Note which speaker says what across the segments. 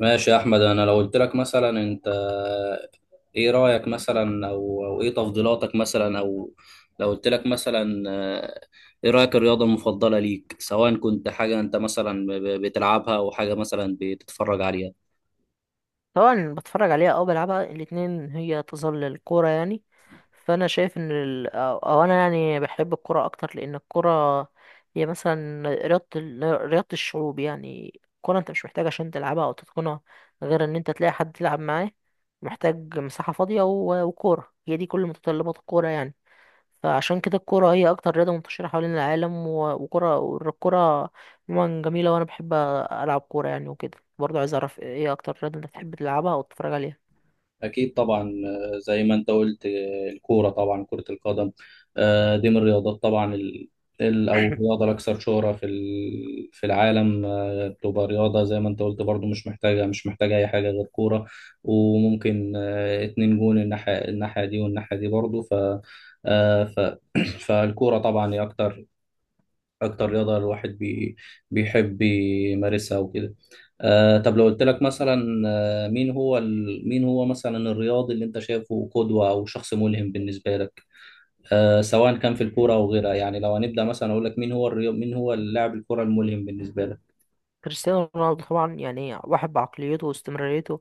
Speaker 1: ماشي يا احمد. انا لو قلت لك مثلا انت ايه رايك مثلا او ايه تفضيلاتك مثلا او لو قلت لك مثلا ايه رايك الرياضه المفضله ليك، سواء كنت حاجه انت مثلا بتلعبها او حاجه مثلا بتتفرج عليها؟
Speaker 2: طبعا بتفرج عليها او بلعبها الاتنين، هي تظل الكوره يعني. فانا شايف ان ال... او أو انا يعني بحب الكوره اكتر، لان الكوره هي مثلا رياضه الشعوب يعني. الكوره انت مش محتاج عشان تلعبها او تتقنها غير ان انت تلاقي حد تلعب معاه، محتاج مساحه فاضيه وكوره. هي دي كل متطلبات الكوره يعني. فعشان كده الكورة هي أكتر رياضة منتشرة حوالين العالم، وكرة والكرة عموما جميلة، وأنا بحب ألعب كورة يعني. وكده برضه عايز أعرف إيه أكتر رياضة أنت بتحب تلعبها أو تتفرج عليها؟
Speaker 1: أكيد طبعا. زي ما أنت قلت، الكورة طبعا، كرة القدم. دي من الرياضات طبعا ال- أو الرياضة الأكثر شهرة في في العالم. بتبقى رياضة زي ما أنت قلت برضو، مش محتاجة أي حاجة غير كورة. وممكن اتنين جون، الناحية دي والناحية دي برضو. آه، ف... فالكورة طبعا هي اكتر رياضه الواحد بيحب يمارسها وكده. آه، طب لو قلت لك مثلا، مين هو مين هو مثلا الرياضي اللي انت شايفه قدوه او شخص ملهم بالنسبه لك؟ آه، سواء كان في الكوره او غيرها. يعني لو هنبدا مثلا، اقول لك مين هو مين هو اللاعب الكوره الملهم بالنسبه لك؟
Speaker 2: كريستيانو رونالدو طبعا يعني، واحد بعقليته واستمراريته،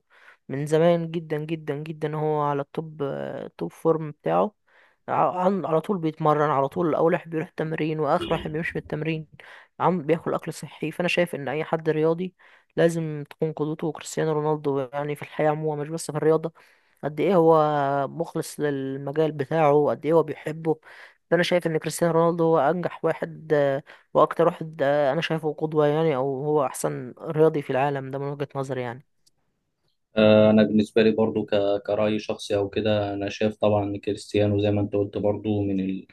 Speaker 2: من زمان جدا جدا جدا هو على التوب، توب فورم بتاعه. على طول بيتمرن، على طول اول واحد بيروح تمرين واخر واحد بيمشي من التمرين. عم بياكل اكل صحي. فانا شايف ان اي حد رياضي لازم تكون قدوته كريستيانو رونالدو يعني، في الحياة عموما مش بس في الرياضة. قد ايه هو مخلص للمجال بتاعه، قد ايه هو بيحبه. فانا شايف ان كريستيانو رونالدو هو انجح واحد، واكتر واحد انا شايفه قدوة يعني، او هو احسن رياضي في العالم ده من وجهة نظري يعني.
Speaker 1: آه، انا بالنسبه لي برضو كراي شخصي او كده، انا شايف طبعا كريستيانو زي ما انت قلت برضو، من ال...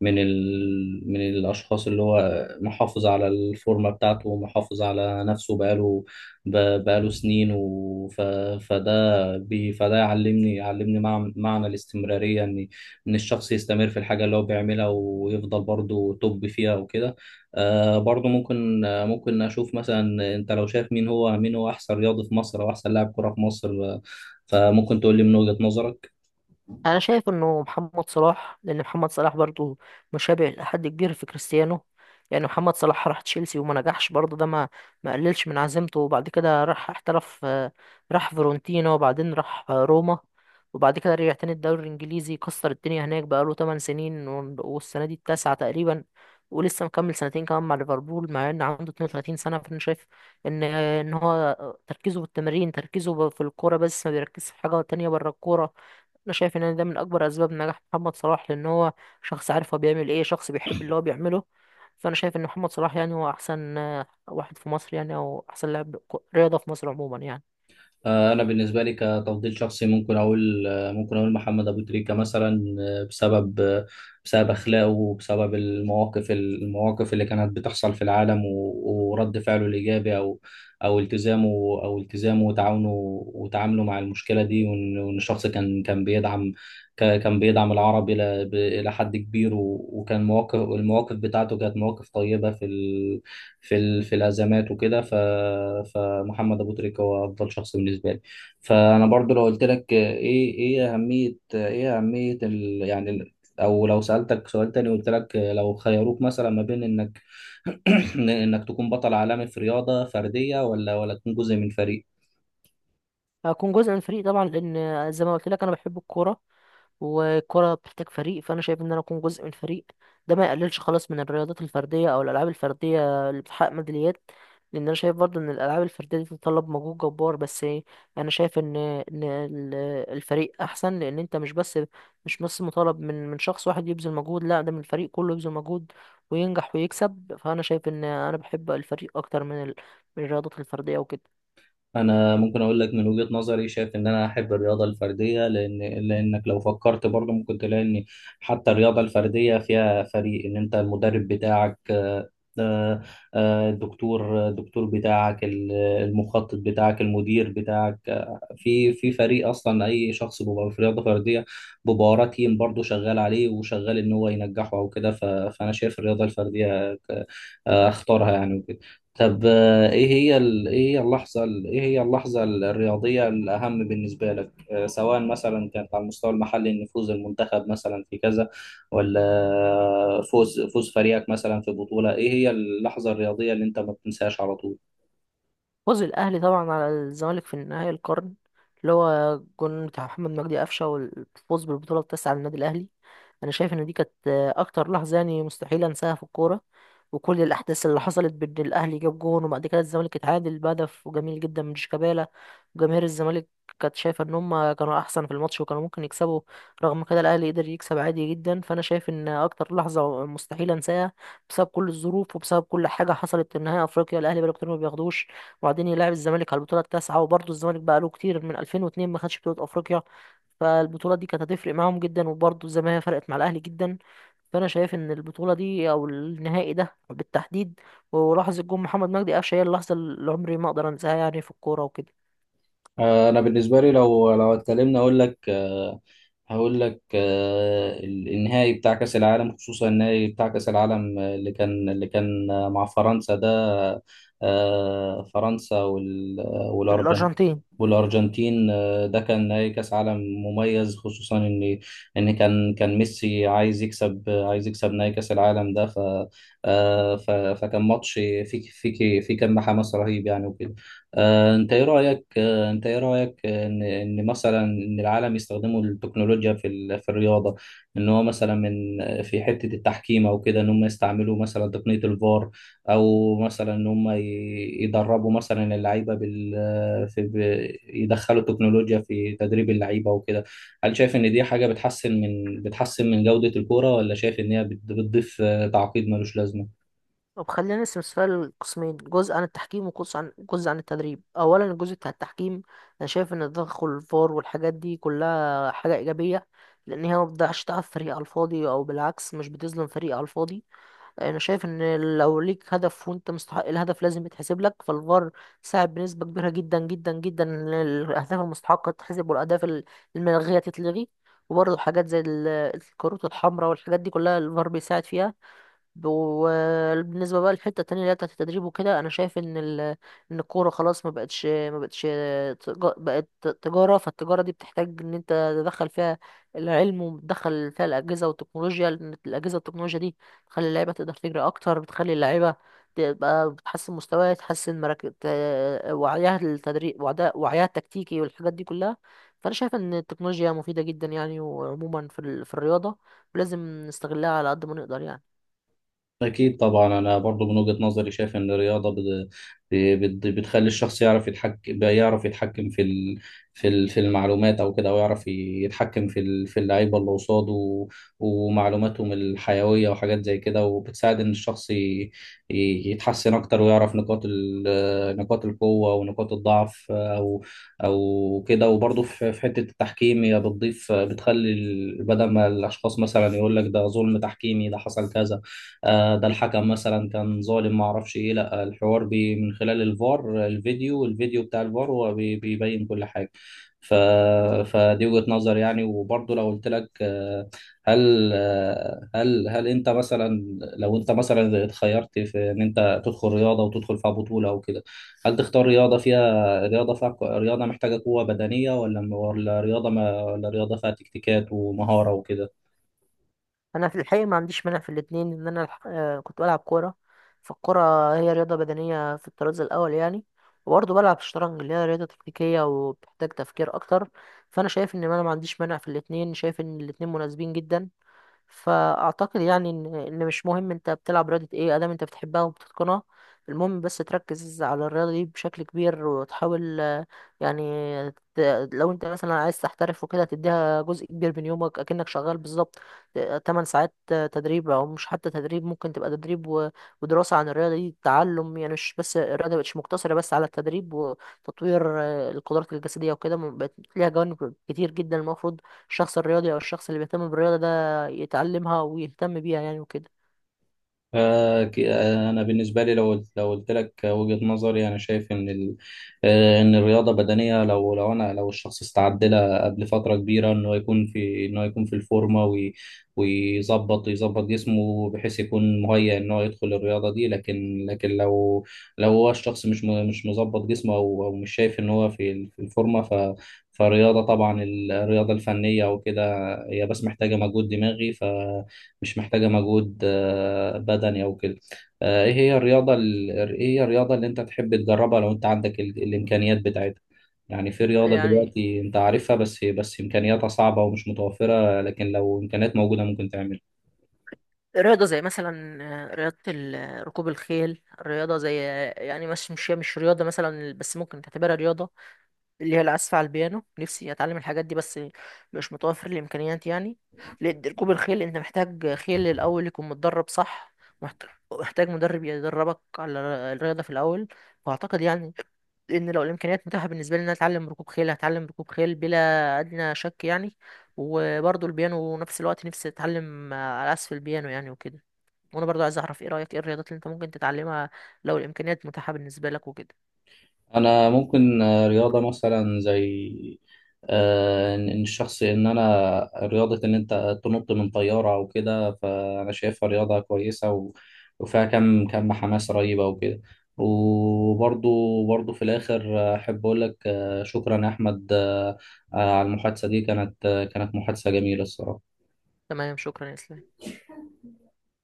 Speaker 1: من ال... من الاشخاص اللي هو محافظ على الفورمه بتاعته ومحافظ على نفسه بقاله ب... بقاله سنين فده فده يعلمني، معنى الاستمراريه، ان الشخص يستمر في الحاجه اللي هو بيعملها ويفضل برضه توب فيها وكده. آه، برضه ممكن، آه ممكن اشوف، مثلا انت لو شايف مين هو احسن رياضي في مصر، او احسن لاعب كره في مصر، فممكن تقول لي من وجهة نظرك.
Speaker 2: انا شايف انه محمد صلاح، لان محمد صلاح برضو مشابه لحد كبير في كريستيانو. يعني محمد صلاح راح تشيلسي وما نجحش، برضو ده ما قللش من عزيمته، وبعد كده راح احترف، راح فيرونتينا، وبعدين راح روما. وبعد كده رجع تاني الدوري الانجليزي، كسر الدنيا هناك، بقاله 8 سنين والسنه دي التاسعه تقريبا. ولسه مكمل سنتين كمان مع ليفربول، مع ان عنده 32 سنه. فانا شايف ان هو تركيزه في التمرين، تركيزه في الكوره بس، ما بيركزش في حاجه تانية بره الكوره. انا شايف ان ده من اكبر اسباب نجاح محمد صلاح، لان هو شخص عارف هو بيعمل ايه، شخص بيحب اللي هو بيعمله. فانا شايف ان محمد صلاح يعني هو احسن واحد في مصر يعني، او احسن رياضة في مصر عموما يعني.
Speaker 1: انا بالنسبه لي كتفضيل شخصي ممكن اقول، ممكن اقول محمد ابو تريكه مثلا، بسبب بسبب اخلاقه، وبسبب المواقف اللي كانت بتحصل في العالم ورد فعله الايجابي، او التزامه. التزامه وتعاونه وتعامله مع المشكله دي. وان الشخص كان، بيدعم كان بيدعم العرب الى الى حد كبير. وكان مواقف، بتاعته كانت مواقف طيبه في في الازمات وكده. فمحمد ابو تريكه هو افضل شخص بالنسبه لي. فانا برضو لو قلت لك ايه اهميه او لو سالتك سؤال تاني، قلت لك لو خيروك مثلا ما بين انك انك تكون بطل عالمي في رياضه فرديه ولا تكون جزء من فريق.
Speaker 2: هكون جزء من الفريق طبعا، لان زي ما قلت لك انا بحب الكوره، والكرة بتحتاج فريق. فأنا شايف إن أنا أكون جزء من فريق، ده ما يقللش خالص من الرياضات الفردية أو الألعاب الفردية اللي بتحقق ميداليات، لأن أنا شايف برضه إن الألعاب الفردية دي بتتطلب مجهود جبار. بس إيه، أنا شايف إن الفريق أحسن، لأن أنت مش بس مطالب من شخص واحد يبذل مجهود. لا، ده من الفريق كله يبذل مجهود وينجح ويكسب. فأنا شايف إن أنا بحب الفريق أكتر من الرياضات الفردية وكده.
Speaker 1: انا ممكن اقول لك من وجهة نظري، شايف ان انا احب الرياضه الفرديه، لانك لو فكرت برضه ممكن تلاقي ان حتى الرياضه الفرديه فيها فريق، ان انت المدرب بتاعك، آه، الدكتور بتاعك، المخطط بتاعك، المدير بتاعك، في فريق. اصلا اي شخص بيبقى في رياضه فرديه بيبقى وراه تيم برضه شغال عليه وشغال ان هو ينجحه او كده. فانا شايف الرياضه الفرديه اختارها يعني وكده. طب، ايه هي ايه هي اللحظة الرياضية الأهم بالنسبة لك؟ سواء مثلا كانت على المستوى المحلي، ان فوز المنتخب مثلا في كذا، ولا فوز فريقك مثلا في بطولة. ايه هي اللحظة الرياضية اللي انت ما بتنساهاش على طول؟
Speaker 2: فوز الأهلي طبعا على الزمالك في نهائي القرن، اللي هو جون بتاع محمد مجدي قفشة، والفوز بالبطولة التاسعة للنادي الأهلي. أنا شايف إن دي كانت أكتر لحظة يعني مستحيل أنساها في الكورة، وكل الأحداث اللي حصلت بين الأهلي، جاب جون، وبعد كده الزمالك اتعادل بهدف وجميل جدا من شيكابالا. وجماهير الزمالك كانت شايفة إن هما كانوا أحسن في الماتش وكانوا ممكن يكسبوا، رغم كده الأهلي قدر يكسب عادي جدا. فأنا شايف إن أكتر لحظة مستحيل أنساها بسبب كل الظروف وبسبب كل حاجة حصلت في نهائي أفريقيا. الأهلي بقاله كتير ما بياخدوش، وبعدين يلعب الزمالك على البطوله التاسعه، وبرضه الزمالك بقى له كتير من 2002 ما خدش بطوله افريقيا. فالبطوله دي كانت هتفرق معاهم جدا، وبرضه زي ما هي فرقت مع الاهلي جدا. فانا شايف ان البطوله دي او النهائي ده بالتحديد ولحظه جون محمد مجدي قفشه هي اللحظه اللي عمري ما اقدر انساها يعني في الكوره وكده.
Speaker 1: انا بالنسبه لي لو اتكلمنا، اقول لك، هقول لك النهائي بتاع كاس العالم. خصوصا النهائي بتاع كاس العالم اللي كان، مع فرنسا ده. فرنسا والارجنتين
Speaker 2: الارجنتين.
Speaker 1: والارجنتين ده كان نهائي كاس عالم مميز، خصوصا ان كان ميسي عايز يكسب، نهائي كاس العالم ده. فكان ماتش فيه، فيه كم حماس رهيب يعني وكده. آه، انت ايه رايك انت ايه رايك ان مثلا ان العالم يستخدموا التكنولوجيا في في الرياضه؟ ان هو مثلا، من في حته التحكيم او كده، ان هم يستعملوا مثلا تقنيه الفار، او مثلا ان هم يدربوا مثلا اللعيبه يدخلوا تكنولوجيا في تدريب اللعيبه وكده. هل شايف ان دي حاجه بتحسن من، جوده الكوره، ولا شايف ان هي بتضيف تعقيد ملوش لازمه؟
Speaker 2: طب خلينا نقسم السؤال لقسمين، جزء عن التحكيم وجزء عن التدريب. اولا، الجزء بتاع التحكيم، انا شايف ان تدخل الفار والحاجات دي كلها حاجه ايجابيه، لان هي ما بتضيعش تعب فريق على الفاضي، او بالعكس مش بتظلم فريق على الفاضي. انا شايف ان لو ليك هدف وانت مستحق الهدف لازم يتحسب لك. فالفار ساعد بنسبه كبيره جدا جدا جدا ان الاهداف المستحقه تتحسب، الملغيه تتلغي. وبرضه حاجات زي الكروت الحمراء والحاجات دي كلها الفار بيساعد فيها. وبالنسبه بقى للحته التانية اللي هي بتاعت التدريب وكده، انا شايف ان الكوره خلاص ما بقتش ما بقتش تج- بقت تجاره. فالتجاره دي بتحتاج ان انت تدخل فيها العلم وتدخل فيها الاجهزه والتكنولوجيا، لان الاجهزه والتكنولوجيا دي بتخلي اللعيبه تقدر تجري اكتر، بتخلي اللعيبه تبقى بتحسن مستواها، تحسن مراكز وعيها التدريب وعيها التكتيكي والحاجات دي كلها. فانا شايف ان التكنولوجيا مفيده جدا يعني، وعموما في الرياضه، ولازم نستغلها على قد ما نقدر يعني.
Speaker 1: أكيد طبعا. أنا برضو من وجهة نظري شايف إن الرياضة بتخلي الشخص يعرف يتحكم، في في المعلومات، أو كده، أو يعرف يتحكم في في اللعيبة اللي قصاده، ومعلوماتهم الحيوية وحاجات زي كده. وبتساعد إن الشخص يتحسن أكتر، ويعرف نقاط نقاط القوة ونقاط الضعف، أو كده. وبرضو في حتة التحكيم، هي بتضيف، بتخلي بدل ما الأشخاص مثلا يقول لك ده ظلم تحكيمي، ده حصل كذا، ده الحكم مثلا كان ظالم، ما اعرفش ايه، لا، الحوار من خلال الفار. الفيديو، بتاع الفار، هو بيبين كل حاجة. ف... فدي وجهة نظر يعني. وبرضه لو قلت لك، هل انت مثلا، لو انت مثلا اتخيرت في ان انت تدخل رياضة وتدخل فيها بطولة او كده، هل تختار رياضة محتاجة قوة بدنية، ولا رياضة، ما رياضة فيها تكتيكات ومهارة وكده؟
Speaker 2: انا في الحقيقه ما عنديش مانع في الاثنين، ان انا كنت بلعب كوره، فالكوره هي رياضه بدنيه في الطراز الاول يعني. وبرضه بلعب شطرنج اللي هي رياضه تكتيكيه وبتحتاج تفكير اكتر. فانا شايف ان انا ما عنديش مانع في الاثنين، شايف ان الاثنين مناسبين جدا. فاعتقد يعني ان مش مهم انت بتلعب رياضة ايه، ادام انت بتحبها وبتتقنها. المهم بس تركز على الرياضة دي بشكل كبير وتحاول، يعني، لو انت مثلا عايز تحترف وكده تديها جزء كبير من يومك، اكنك شغال بالظبط 8 ساعات تدريب. او مش حتى تدريب، ممكن تبقى تدريب ودراسة عن الرياضة دي، تعلم يعني. مش بس، الرياضة مبقتش مقتصرة بس على التدريب وتطوير القدرات الجسدية وكده، بقت ليها جوانب كتير جدا. المفروض الشخص الرياضي او الشخص اللي بيهتم بالرياضة يتعلمها ويهتم بيها يعني وكده.
Speaker 1: أنا بالنسبة لي لو قلت لك وجهة نظري، أنا شايف إن ال... آه، إن الرياضة بدنية لو لو أنا لو الشخص استعد لها قبل فترة كبيرة، إنه يكون في، الفورمة، ويظبط، جسمه، بحيث يكون مهيأ إن هو يدخل الرياضة دي. لكن لو، لو هو الشخص مش مش مظبط جسمه، أو مش شايف إن هو في في الفورمة، فالرياضة طبعا، الرياضة الفنية وكده، هي بس محتاجة مجهود دماغي، ف مش محتاجة مجهود بدني أو كده. إيه هي إيه هي الرياضة اللي أنت تحب تجربها، لو أنت عندك الإمكانيات بتاعتها؟ يعني في رياضة
Speaker 2: يعني
Speaker 1: دلوقتي أنت عارفها، بس إمكانياتها صعبة ومش متوفرة، لكن لو إمكانيات موجودة ممكن تعملها.
Speaker 2: رياضة زي مثلا، ركوب الخيل، رياضة زي، يعني مش مش هي مش رياضة مثلا بس ممكن تعتبرها رياضة، اللي هي العزف على البيانو. نفسي اتعلم الحاجات دي بس مش متوفر الامكانيات يعني. لأن ركوب الخيل انت محتاج خيل الاول يكون متدرب صح، محت- محتاج مدرب يدربك على الرياضه في الاول. واعتقد يعني ان لو الامكانيات متاحه بالنسبه لي ان أنا اتعلم ركوب خيل، هتعلم ركوب خيل بلا ادنى شك يعني. وبرضه البيانو نفس الوقت، نفسي اتعلم على عزف البيانو يعني وكده. وانا برضه عايز اعرف ايه رايك، ايه الرياضات اللي انت ممكن تتعلمها لو الامكانيات متاحه بالنسبه لك وكده؟
Speaker 1: انا ممكن، رياضه مثلا زي، آه، ان إن الشخص، ان انا، رياضه ان انت تنط من طياره او كده، فانا شايفها رياضه كويسه، وفيها كم حماسه رهيبه وكده. وبرضو، في الاخر، احب اقول لك شكرا يا احمد، على المحادثه دي. كانت، كانت محادثه جميله الصراحه.
Speaker 2: تمام، شكرا يا اسلام.